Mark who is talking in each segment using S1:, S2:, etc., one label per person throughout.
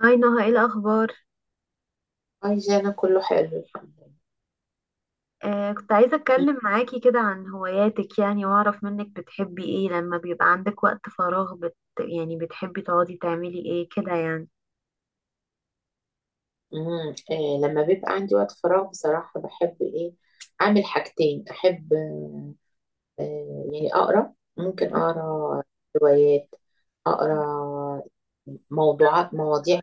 S1: هاي نهى ايه الاخبار؟
S2: عايزة أنا كله حلو الحمد
S1: آه كنت عايزه
S2: لله.
S1: اتكلم معاكي كده عن هواياتك, يعني واعرف منك بتحبي ايه لما بيبقى عندك وقت فراغ, يعني بتحبي تقعدي تعملي ايه كده يعني.
S2: أمم، آه، لما بيبقى عندي وقت فراغ بصراحة بحب إيه أعمل حاجتين. أحب آه، آه، يعني أقرأ، ممكن
S1: مهم.
S2: أقرأ روايات، أقرأ موضوعات، مواضيع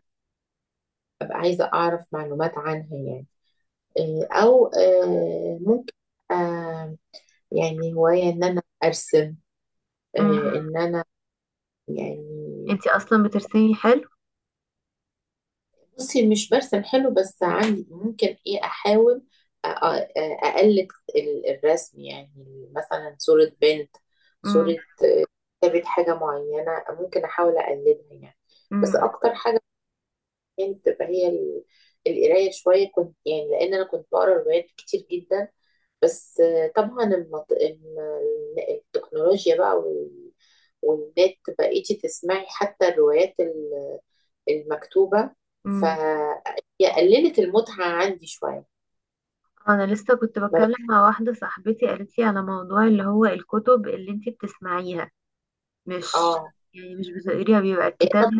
S2: أبقى عايزة أعرف معلومات عنها يعني. أو ممكن آه، يعني هواية إن أنا أرسم،
S1: امم
S2: إن أنا يعني.
S1: انتي اصلا بترسمي حلو.
S2: بصي مش برسم حلو بس عندي ممكن ايه احاول اقلد الرسم، يعني مثلا صورة بنت،
S1: امم
S2: صورة، كتابة حاجة معينة ممكن احاول اقلدها يعني. بس
S1: امم
S2: اكتر حاجة يعني بتبقى هي القراية شوية، كنت يعني، لان انا كنت بقرا روايات كتير جدا. بس طبعا التكنولوجيا بقى والنت بقيتي تسمعي حتى الروايات المكتوبة،
S1: امم
S2: فهي قللت المتعة عندي شوية.
S1: انا لسه كنت
S2: ما بقى-
S1: بتكلم مع واحده صاحبتي قالت لي على موضوع اللي هو الكتب اللي انتي بتسمعيها. مش
S2: اه.
S1: يعني مش بتقريها بيبقى
S2: إيه،
S1: الكتاب.
S2: طب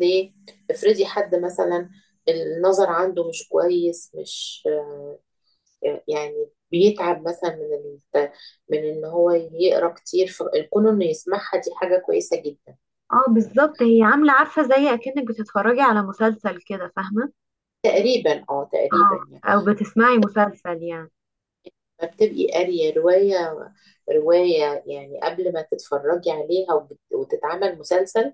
S2: ليه؟ افرضي حد مثلا النظر عنده مش كويس، مش يعني بيتعب مثلا من ال... من ان هو يقرا كتير، فكون انه يسمعها دي حاجة كويسة جدا.
S1: اه بالظبط, هي عامله عارفه زي اكنك بتتفرجي على مسلسل كده, فاهمه؟
S2: تقريبا، اه،
S1: اه,
S2: تقريبا يعني.
S1: او بتسمعي مسلسل يعني.
S2: ما بتبقي قارية رواية، يعني قبل ما تتفرجي عليها وتتعمل مسلسل،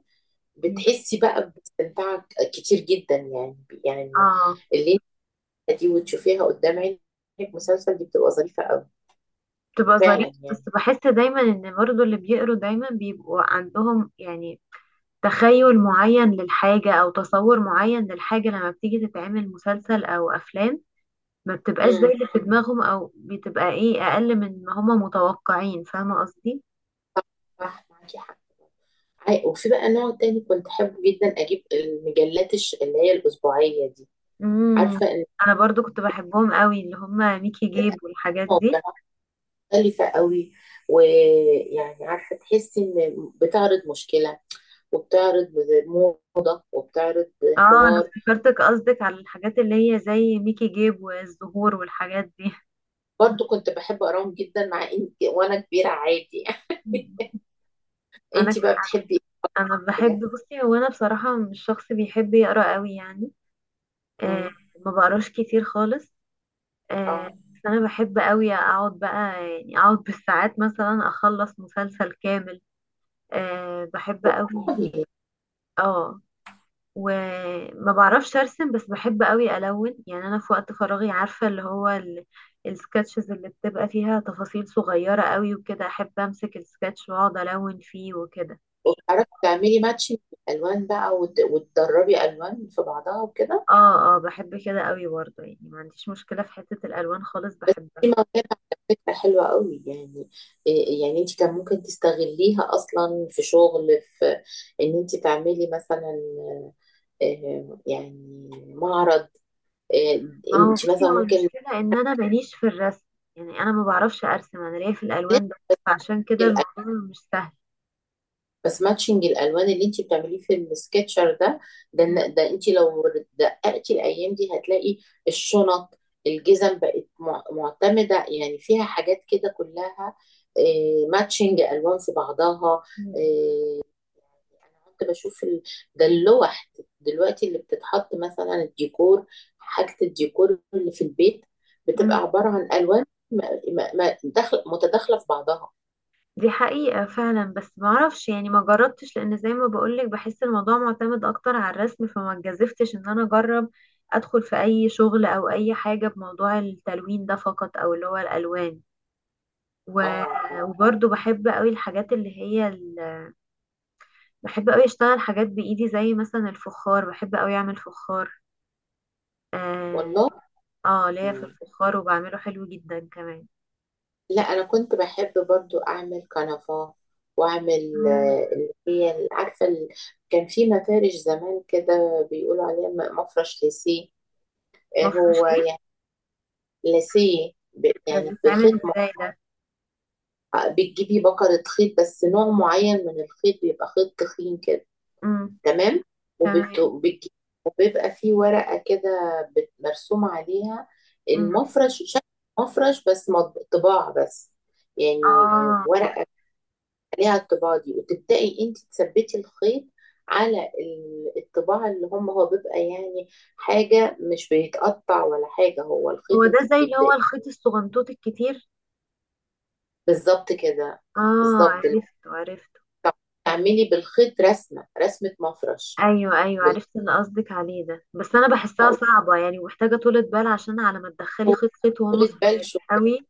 S1: مم.
S2: بتحسي بقى باستمتاع كتير جدا يعني، يعني
S1: اه
S2: الليلة دي وتشوفيها قدام عينك مسلسل دي، بتبقى ظريفة أوي.
S1: بتبقى ظريفة,
S2: فعلا
S1: بس
S2: يعني.
S1: بحس دايما ان برضو اللي بيقروا دايما بيبقوا عندهم يعني تخيل معين للحاجة او تصور معين للحاجة. لما بتيجي تتعمل مسلسل او افلام ما بتبقاش زي
S2: امم،
S1: اللي في دماغهم او بتبقى ايه اقل من ما هما متوقعين, فاهمة قصدي؟
S2: صح، صح معاكي حق. عاي- وفي بقى نوع تاني كنت أحب جدا أجيب المجلات اللي هي الأسبوعية دي،
S1: امم,
S2: عارفة، إن
S1: انا برضو كنت بحبهم قوي اللي هما ميكي جيب والحاجات دي.
S2: موضوعات مختلفة قوي، ويعني عارفة تحسي إن بتعرض مشكلة، وبتعرض موضة، وبتعرض
S1: اه انا
S2: حوار.
S1: افتكرتك قصدك على الحاجات اللي هي زي ميكي جيب والزهور والحاجات دي.
S2: برضو كنت بحب أقراهم جدا، مع إن وأنا كبيرة عادي.
S1: انا
S2: انتي بقى بتحبي
S1: انا
S2: ايه
S1: بحب,
S2: حاجه؟
S1: بصي هو انا بصراحه مش شخص بيحب يقرا قوي يعني. آه,
S2: امم،
S1: ما بقراش كتير خالص. آه
S2: اه،
S1: بس انا بحب قوي اقعد بقى, يعني اقعد بالساعات مثلا اخلص مسلسل كامل. آه بحب قوي.
S2: والله.
S1: اه وما بعرفش ارسم, بس بحب قوي الون. يعني انا في وقت فراغي, عارفه اللي هو السكتشز اللي بتبقى فيها تفاصيل صغيره قوي وكده, احب امسك السكتش واقعد الون فيه وكده.
S2: وبتعرفي تعملي ماتشنج الالوان بقى وتدربي الوان في بعضها وكده.
S1: اه اه بحب كده قوي برضه, يعني ما عنديش مشكلة في حتة الألوان خالص,
S2: دي
S1: بحبها.
S2: موهبه على فكره حلوه قوي يعني. إيه- يعني انت كان ممكن تستغليها اصلا في شغل، في ان انت تعملي مثلا يعني معرض، آه،
S1: ما هو
S2: انت
S1: بصي,
S2: مثلا
S1: هو
S2: ممكن،
S1: المشكلة ان انا ماليش في الرسم, يعني انا ما بعرفش ارسم, انا ليا في الألوان بس, فعشان كده الموضوع مش سهل.
S2: بس ماتشنج الالوان اللي انت بتعمليه في السكتشر ده، ده
S1: م-
S2: إن- ده انت لو دققتي الايام دي هتلاقي الشنط، الجزم بقت مع- معتمده يعني، فيها حاجات كده كلها ماتشنج الوان في بعضها.
S1: م-
S2: آه، انا كنت بشوف ده اللوح دلوقتي اللي بتتحط مثلا الديكور، حاجه الديكور اللي في البيت بتبقى
S1: م-.
S2: عباره عن الوان م- م- داخل- متداخله في بعضها.
S1: دي حقيقة فعلا, بس ما اعرفش, يعني ما جربتش, لان زي ما بقولك بحس الموضوع معتمد اكتر على الرسم, فما اتجذفتش ان انا اجرب ادخل في اي شغل او اي حاجة بموضوع التلوين ده فقط, او اللي هو الألوان.
S2: اه
S1: و...
S2: آه.
S1: وبرضه بحب قوي الحاجات اللي هي, بحب قوي اشتغل حاجات بايدي زي مثلا الفخار, بحب قوي اعمل فخار. اه,
S2: والله،
S1: آه ليا في الفخار وبعمله حلو جدا كمان.
S2: لا انا كنت بحب برضو اعمل كنفة، واعمل
S1: مم.
S2: اللي هي ال- عارفه ال- كان في مفارش زمان كده بيقولوا عليها م- مفرش ليسيه،
S1: مفروش
S2: هو
S1: ايه؟
S2: يعني ليسيه ب-
S1: ده
S2: يعني
S1: بيتعمل
S2: بخيط م-
S1: ازاي ده؟
S2: بتجيبي بكرة خيط، بس نوع معين من الخيط بيبقى خيط تخين كده.
S1: مم.
S2: تمام، وبت...
S1: تمام.
S2: بتجي- وبيبقى فيه ورقة كده بت- مرسومة عليها
S1: مم.
S2: المفرش، شكل مفرش بس مط- طباع بس يعني،
S1: اه
S2: ورق عليها الطباعة دي، وتبدأي انت تثبتي الخيط على ال- الطباعة اللي هم هو بيبقى يعني حاجة مش بيتقطع ولا حاجة، هو
S1: هو
S2: الخيط
S1: ده
S2: انت
S1: زي اللي هو
S2: بتبدأي.
S1: الخيط الصغنطوط الكتير؟
S2: بالظبط كده،
S1: اه,
S2: بالظبط،
S1: عرفته عرفته.
S2: تعملي بالخيط رسمة، رسمة مفرش.
S1: ايوه ايوه,
S2: بال-
S1: عرفت اللي قصدك عليه ده, بس انا بحسها
S2: هقول
S1: صعبة يعني ومحتاجة طولة بال, عشان على ما تدخلي
S2: لكم
S1: خيط خيط وهم
S2: طولة بال
S1: صغيرين
S2: شو؟
S1: قوي.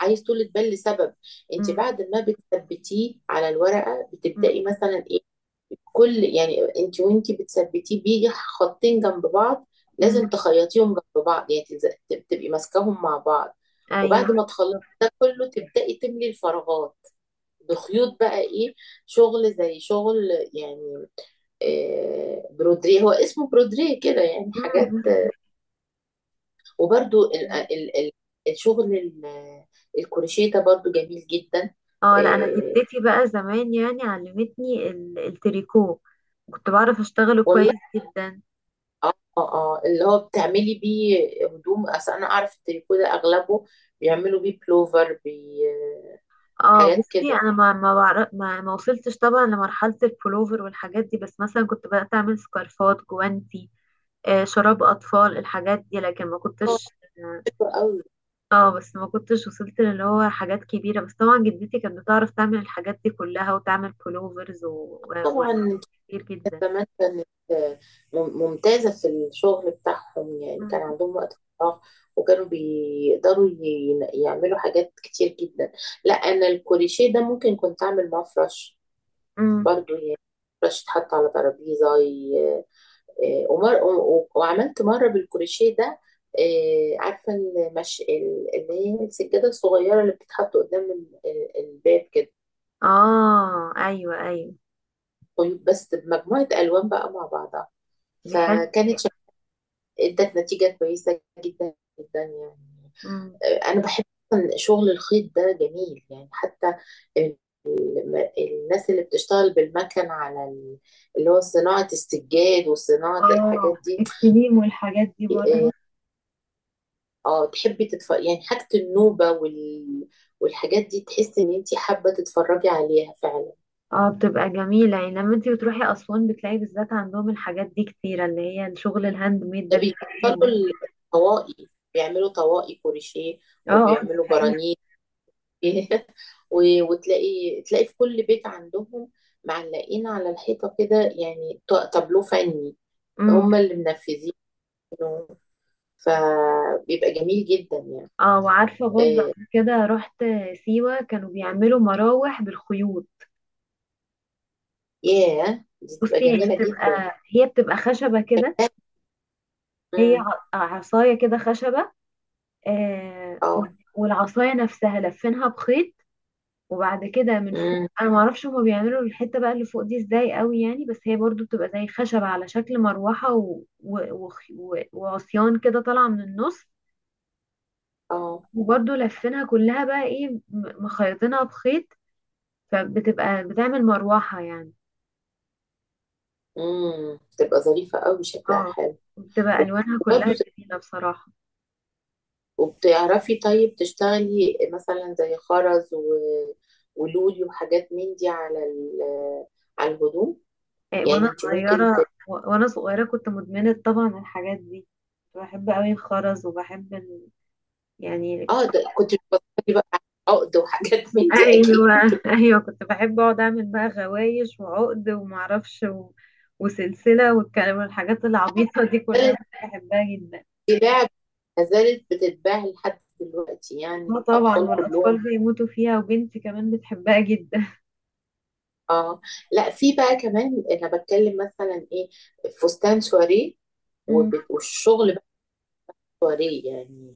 S2: عايز طولة بال لسبب، انت
S1: مم.
S2: بعد ما بتثبتيه على الورقة
S1: مم.
S2: بتبدأي مثلا ايه؟ كل يعني انت وانت بتثبتيه بيجي خطين جنب بعض،
S1: مم.
S2: لازم تخيطيهم جنب بعض يعني تز- تبقي ماسكاهم مع بعض،
S1: ايوه.
S2: وبعد ما تخلصي
S1: بالظبط.
S2: ده كله تبدأي تملي الفراغات بخيوط بقى ايه، شغل زي شغل يعني برودريه، هو اسمه برودريه كده يعني، حاجات.
S1: مم.
S2: وبرده ال
S1: مم.
S2: ال ال الشغل ال- الكروشيه ده برضو جميل جدا.
S1: اه لا, انا
S2: آه،
S1: جدتي بقى زمان يعني علمتني التريكو, كنت بعرف اشتغله
S2: والله،
S1: كويس جدا.
S2: اه اه، اللي هو بتعملي بيه هدوم، اصل انا اعرف التريكو ده اغلبه بيعملوا بيه بلوفر بي،
S1: اه
S2: حاجات
S1: بصي
S2: كده.
S1: انا ما ما, بعرف ما, ما وصلتش طبعا لمرحله البولوفر والحاجات دي, بس مثلا كنت بدات اعمل سكارفات, جوانتي, آه شراب اطفال, الحاجات دي, لكن ما
S2: اه،
S1: كنتش.
S2: حلوة قوي.
S1: اه بس ما كنتش وصلت اللي هو حاجات كبيره, بس طبعا جدتي كانت بتعرف تعمل الحاجات دي كلها وتعمل بولوفرز
S2: طبعا
S1: وحاجات
S2: انت
S1: كتير
S2: عارفة
S1: جدا.
S2: زمان كانت مم- ممتازة في الشغل بتاعهم يعني،
S1: مم.
S2: كان عندهم وقت فراغ، وكانوا بيقدروا يعملوا حاجات كتير جدا. لا انا الكوريشيه ده ممكن كنت اعمل معاه فرش
S1: مم.
S2: برضو يعني، فرش يتحط على ترابيزة. ومر... و- وعملت مرة بالكروشيه ده عارفة المش... ال- اللي هي السجادة الصغيرة اللي بتتحط قدام ال- ال- الباب كده.
S1: اه ايوه ايوه.
S2: طيب بس بمجموعة ألوان بقى مع بعضها،
S1: دي حلوه.
S2: فكانت شك... ادت نتيجة كويسة جدا، جدا يعني. أنا بحب أصلاً شغل الخيط ده جميل يعني، حتى ال- الم- الناس اللي بتشتغل بالمكن على ال- اللي هو صناعة السجاد وصناعة
S1: اه
S2: الحاجات دي.
S1: الكليم والحاجات دي برضه.
S2: آه، اه تحبي تتفرجي يعني حاجة النوبة والحاجات دي، تحسي ان انتي حابة تتفرجي عليها فعلا.
S1: اه بتبقى جميلة يعني لما انتي بتروحي أسوان بتلاقي بالذات عندهم الحاجات دي كتيرة, اللي هي الشغل الهاند ميد
S2: ده
S1: ده بيبقى كتير جدا.
S2: بيفصلوا الطواقي، بيعملوا طواقي كروشيه،
S1: اه اه ده
S2: وبيعملوا
S1: حقيقي.
S2: برانيت. وتلاقي، تلاقي في كل بيت عندهم معلقين على الحيطة كده يعني، ط- تابلو فني
S1: امم.
S2: هم اللي منفذينه، فبيبقى جميل جدا يعني.
S1: اه وعارفة برضه
S2: آه،
S1: قبل كده رحت سيوة كانوا بيعملوا مراوح بالخيوط.
S2: ياه دي تبقى
S1: بصي هي
S2: جميلة جدا.
S1: بتبقى, هي بتبقى خشبة كده, هي
S2: مم،
S1: عصاية كده خشبة. آه,
S2: اه،
S1: والعصاية نفسها لفينها بخيط, وبعد كده من
S2: مم،
S1: فوق انا معرفش هما بيعملوا الحته بقى اللي فوق دي ازاي قوي يعني, بس هي برضو بتبقى زي خشب على شكل مروحه وعصيان كده طالعه من النص,
S2: اه،
S1: وبرضو لفينها كلها بقى ايه, مخيطينها بخيط, فبتبقى بتعمل مروحه يعني.
S2: امم، تبقى ظريفة قوي شكلها
S1: اه
S2: حلو.
S1: بتبقى الوانها كلها
S2: وبرضه ت-
S1: جميله بصراحه.
S2: وبتعرفي طيب تشتغلي مثلا زي خرز ولولي وحاجات من دي على على الهدوم،
S1: إيه وانا
S2: يعني انت ممكن
S1: صغيره,
S2: ت...
S1: وانا صغيره كنت مدمنه طبعا الحاجات دي, كنت بحب قوي الخرز وبحب يعني
S2: اه
S1: كنت.
S2: ده كنت بتفكري بقى على عقد وحاجات من دي اكيد.
S1: ايوه ايوه كنت بحب اقعد اعمل بقى غوايش وعقد ومعرفش وسلسله والكلام والحاجات العبيطه دي كلها,
S2: زالت
S1: كنت بحبها جدا.
S2: بتتباع، ما زالت بتتباع لحد دلوقتي يعني
S1: اه طبعا,
S2: الاطفال
S1: والاطفال
S2: كلهم.
S1: بيموتوا فيها, وبنتي كمان بتحبها جدا.
S2: اه. لا في بقى كمان انا بتكلم مثلا ايه، فستان سواريه،
S1: مم.
S2: وبت... والشغل بقى سواريه يعني،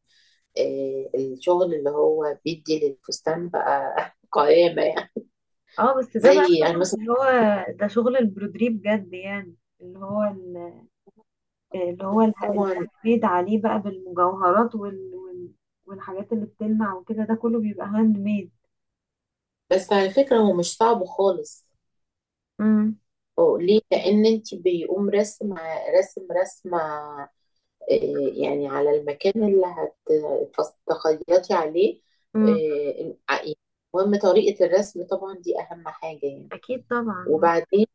S2: الشغل اللي هو بيدي للفستان بقى قيامة يعني،
S1: اه بس ده بقى
S2: زي يعني
S1: شغل
S2: مثلا.
S1: اللي هو, ده شغل البرودري بجد يعني, اللي هو اللي هو اله-
S2: طبعا.
S1: الهاند ميد عليه بقى بالمجوهرات والحاجات اللي بتلمع وكده, ده كله بيبقى هاند ميد.
S2: بس على فكرة هو مش صعب خالص،
S1: امم.
S2: هو ليه؟ لأن انت بيقوم رسم، رسمة آه، يعني على المكان اللي هتخيطي عليه.
S1: امم.
S2: آه، المهم طريقة الرسم طبعا دي أهم حاجة يعني.
S1: اكيد طبعا.
S2: وبعدين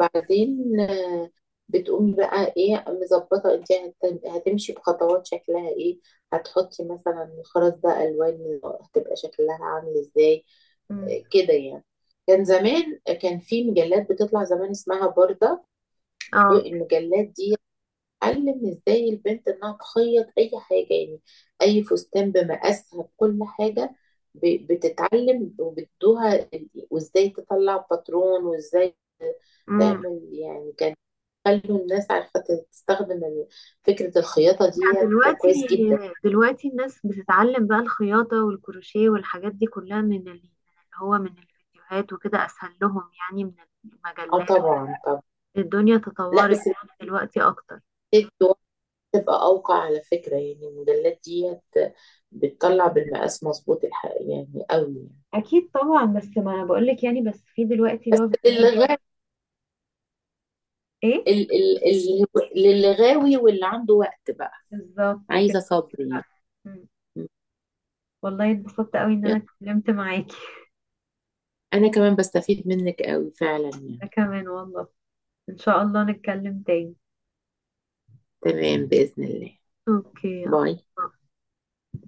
S2: بعدين آه، بتقومي بقى ايه مظبطه انت، هت- هتمشي بخطوات شكلها ايه، هتحطي مثلا الخرز ده الوان هتبقى شكلها عامل ازاي،
S1: امم.
S2: كده يعني. كان زمان كان في مجلات بتطلع زمان اسمها بوردة،
S1: اه.
S2: دول المجلات دي علم ازاي البنت انها تخيط اي حاجه يعني، اي فستان بمقاسها بكل حاجه، ب- بتتعلم وبتدوها ال- وازاي تطلع باترون وازاي تعمل يعني، كان خلوا الناس عارفة تستخدم ال- فكرة الخياطة ديت
S1: دلوقتي
S2: كويس جدا.
S1: دلوقتي الناس بتتعلم بقى الخياطة والكروشيه والحاجات دي كلها من من اللي هو من الفيديوهات, وكده أسهل لهم يعني من
S2: اه
S1: المجلات.
S2: طبعا، طبعا.
S1: الدنيا
S2: لا
S1: تطورت
S2: بس
S1: يعني دلوقتي أكتر.
S2: محتاج وقت تبقى أوقع على فكرة يعني، الموديلات ديت بتطلع بالمقاس مظبوط، الحق يعني قوي يعني.
S1: اكيد طبعا, بس ما انا بقول لك يعني, بس في دلوقتي اللي
S2: بس
S1: هو فيديوهات
S2: للي
S1: برضه.
S2: غاوي،
S1: إيه؟
S2: للي غاوي واللي عنده وقت بقى،
S1: بالظبط كده.
S2: عايزة صبر يعني.
S1: مم. والله اتبسطت قوي ان انا
S2: يلا،
S1: اتكلمت معاكي.
S2: أنا كمان بستفيد منك قوي فعلا يعني.
S1: انا كمان والله, ان شاء الله نتكلم تاني.
S2: تمام بإذن الله.
S1: أوكي,
S2: باي.
S1: يلا.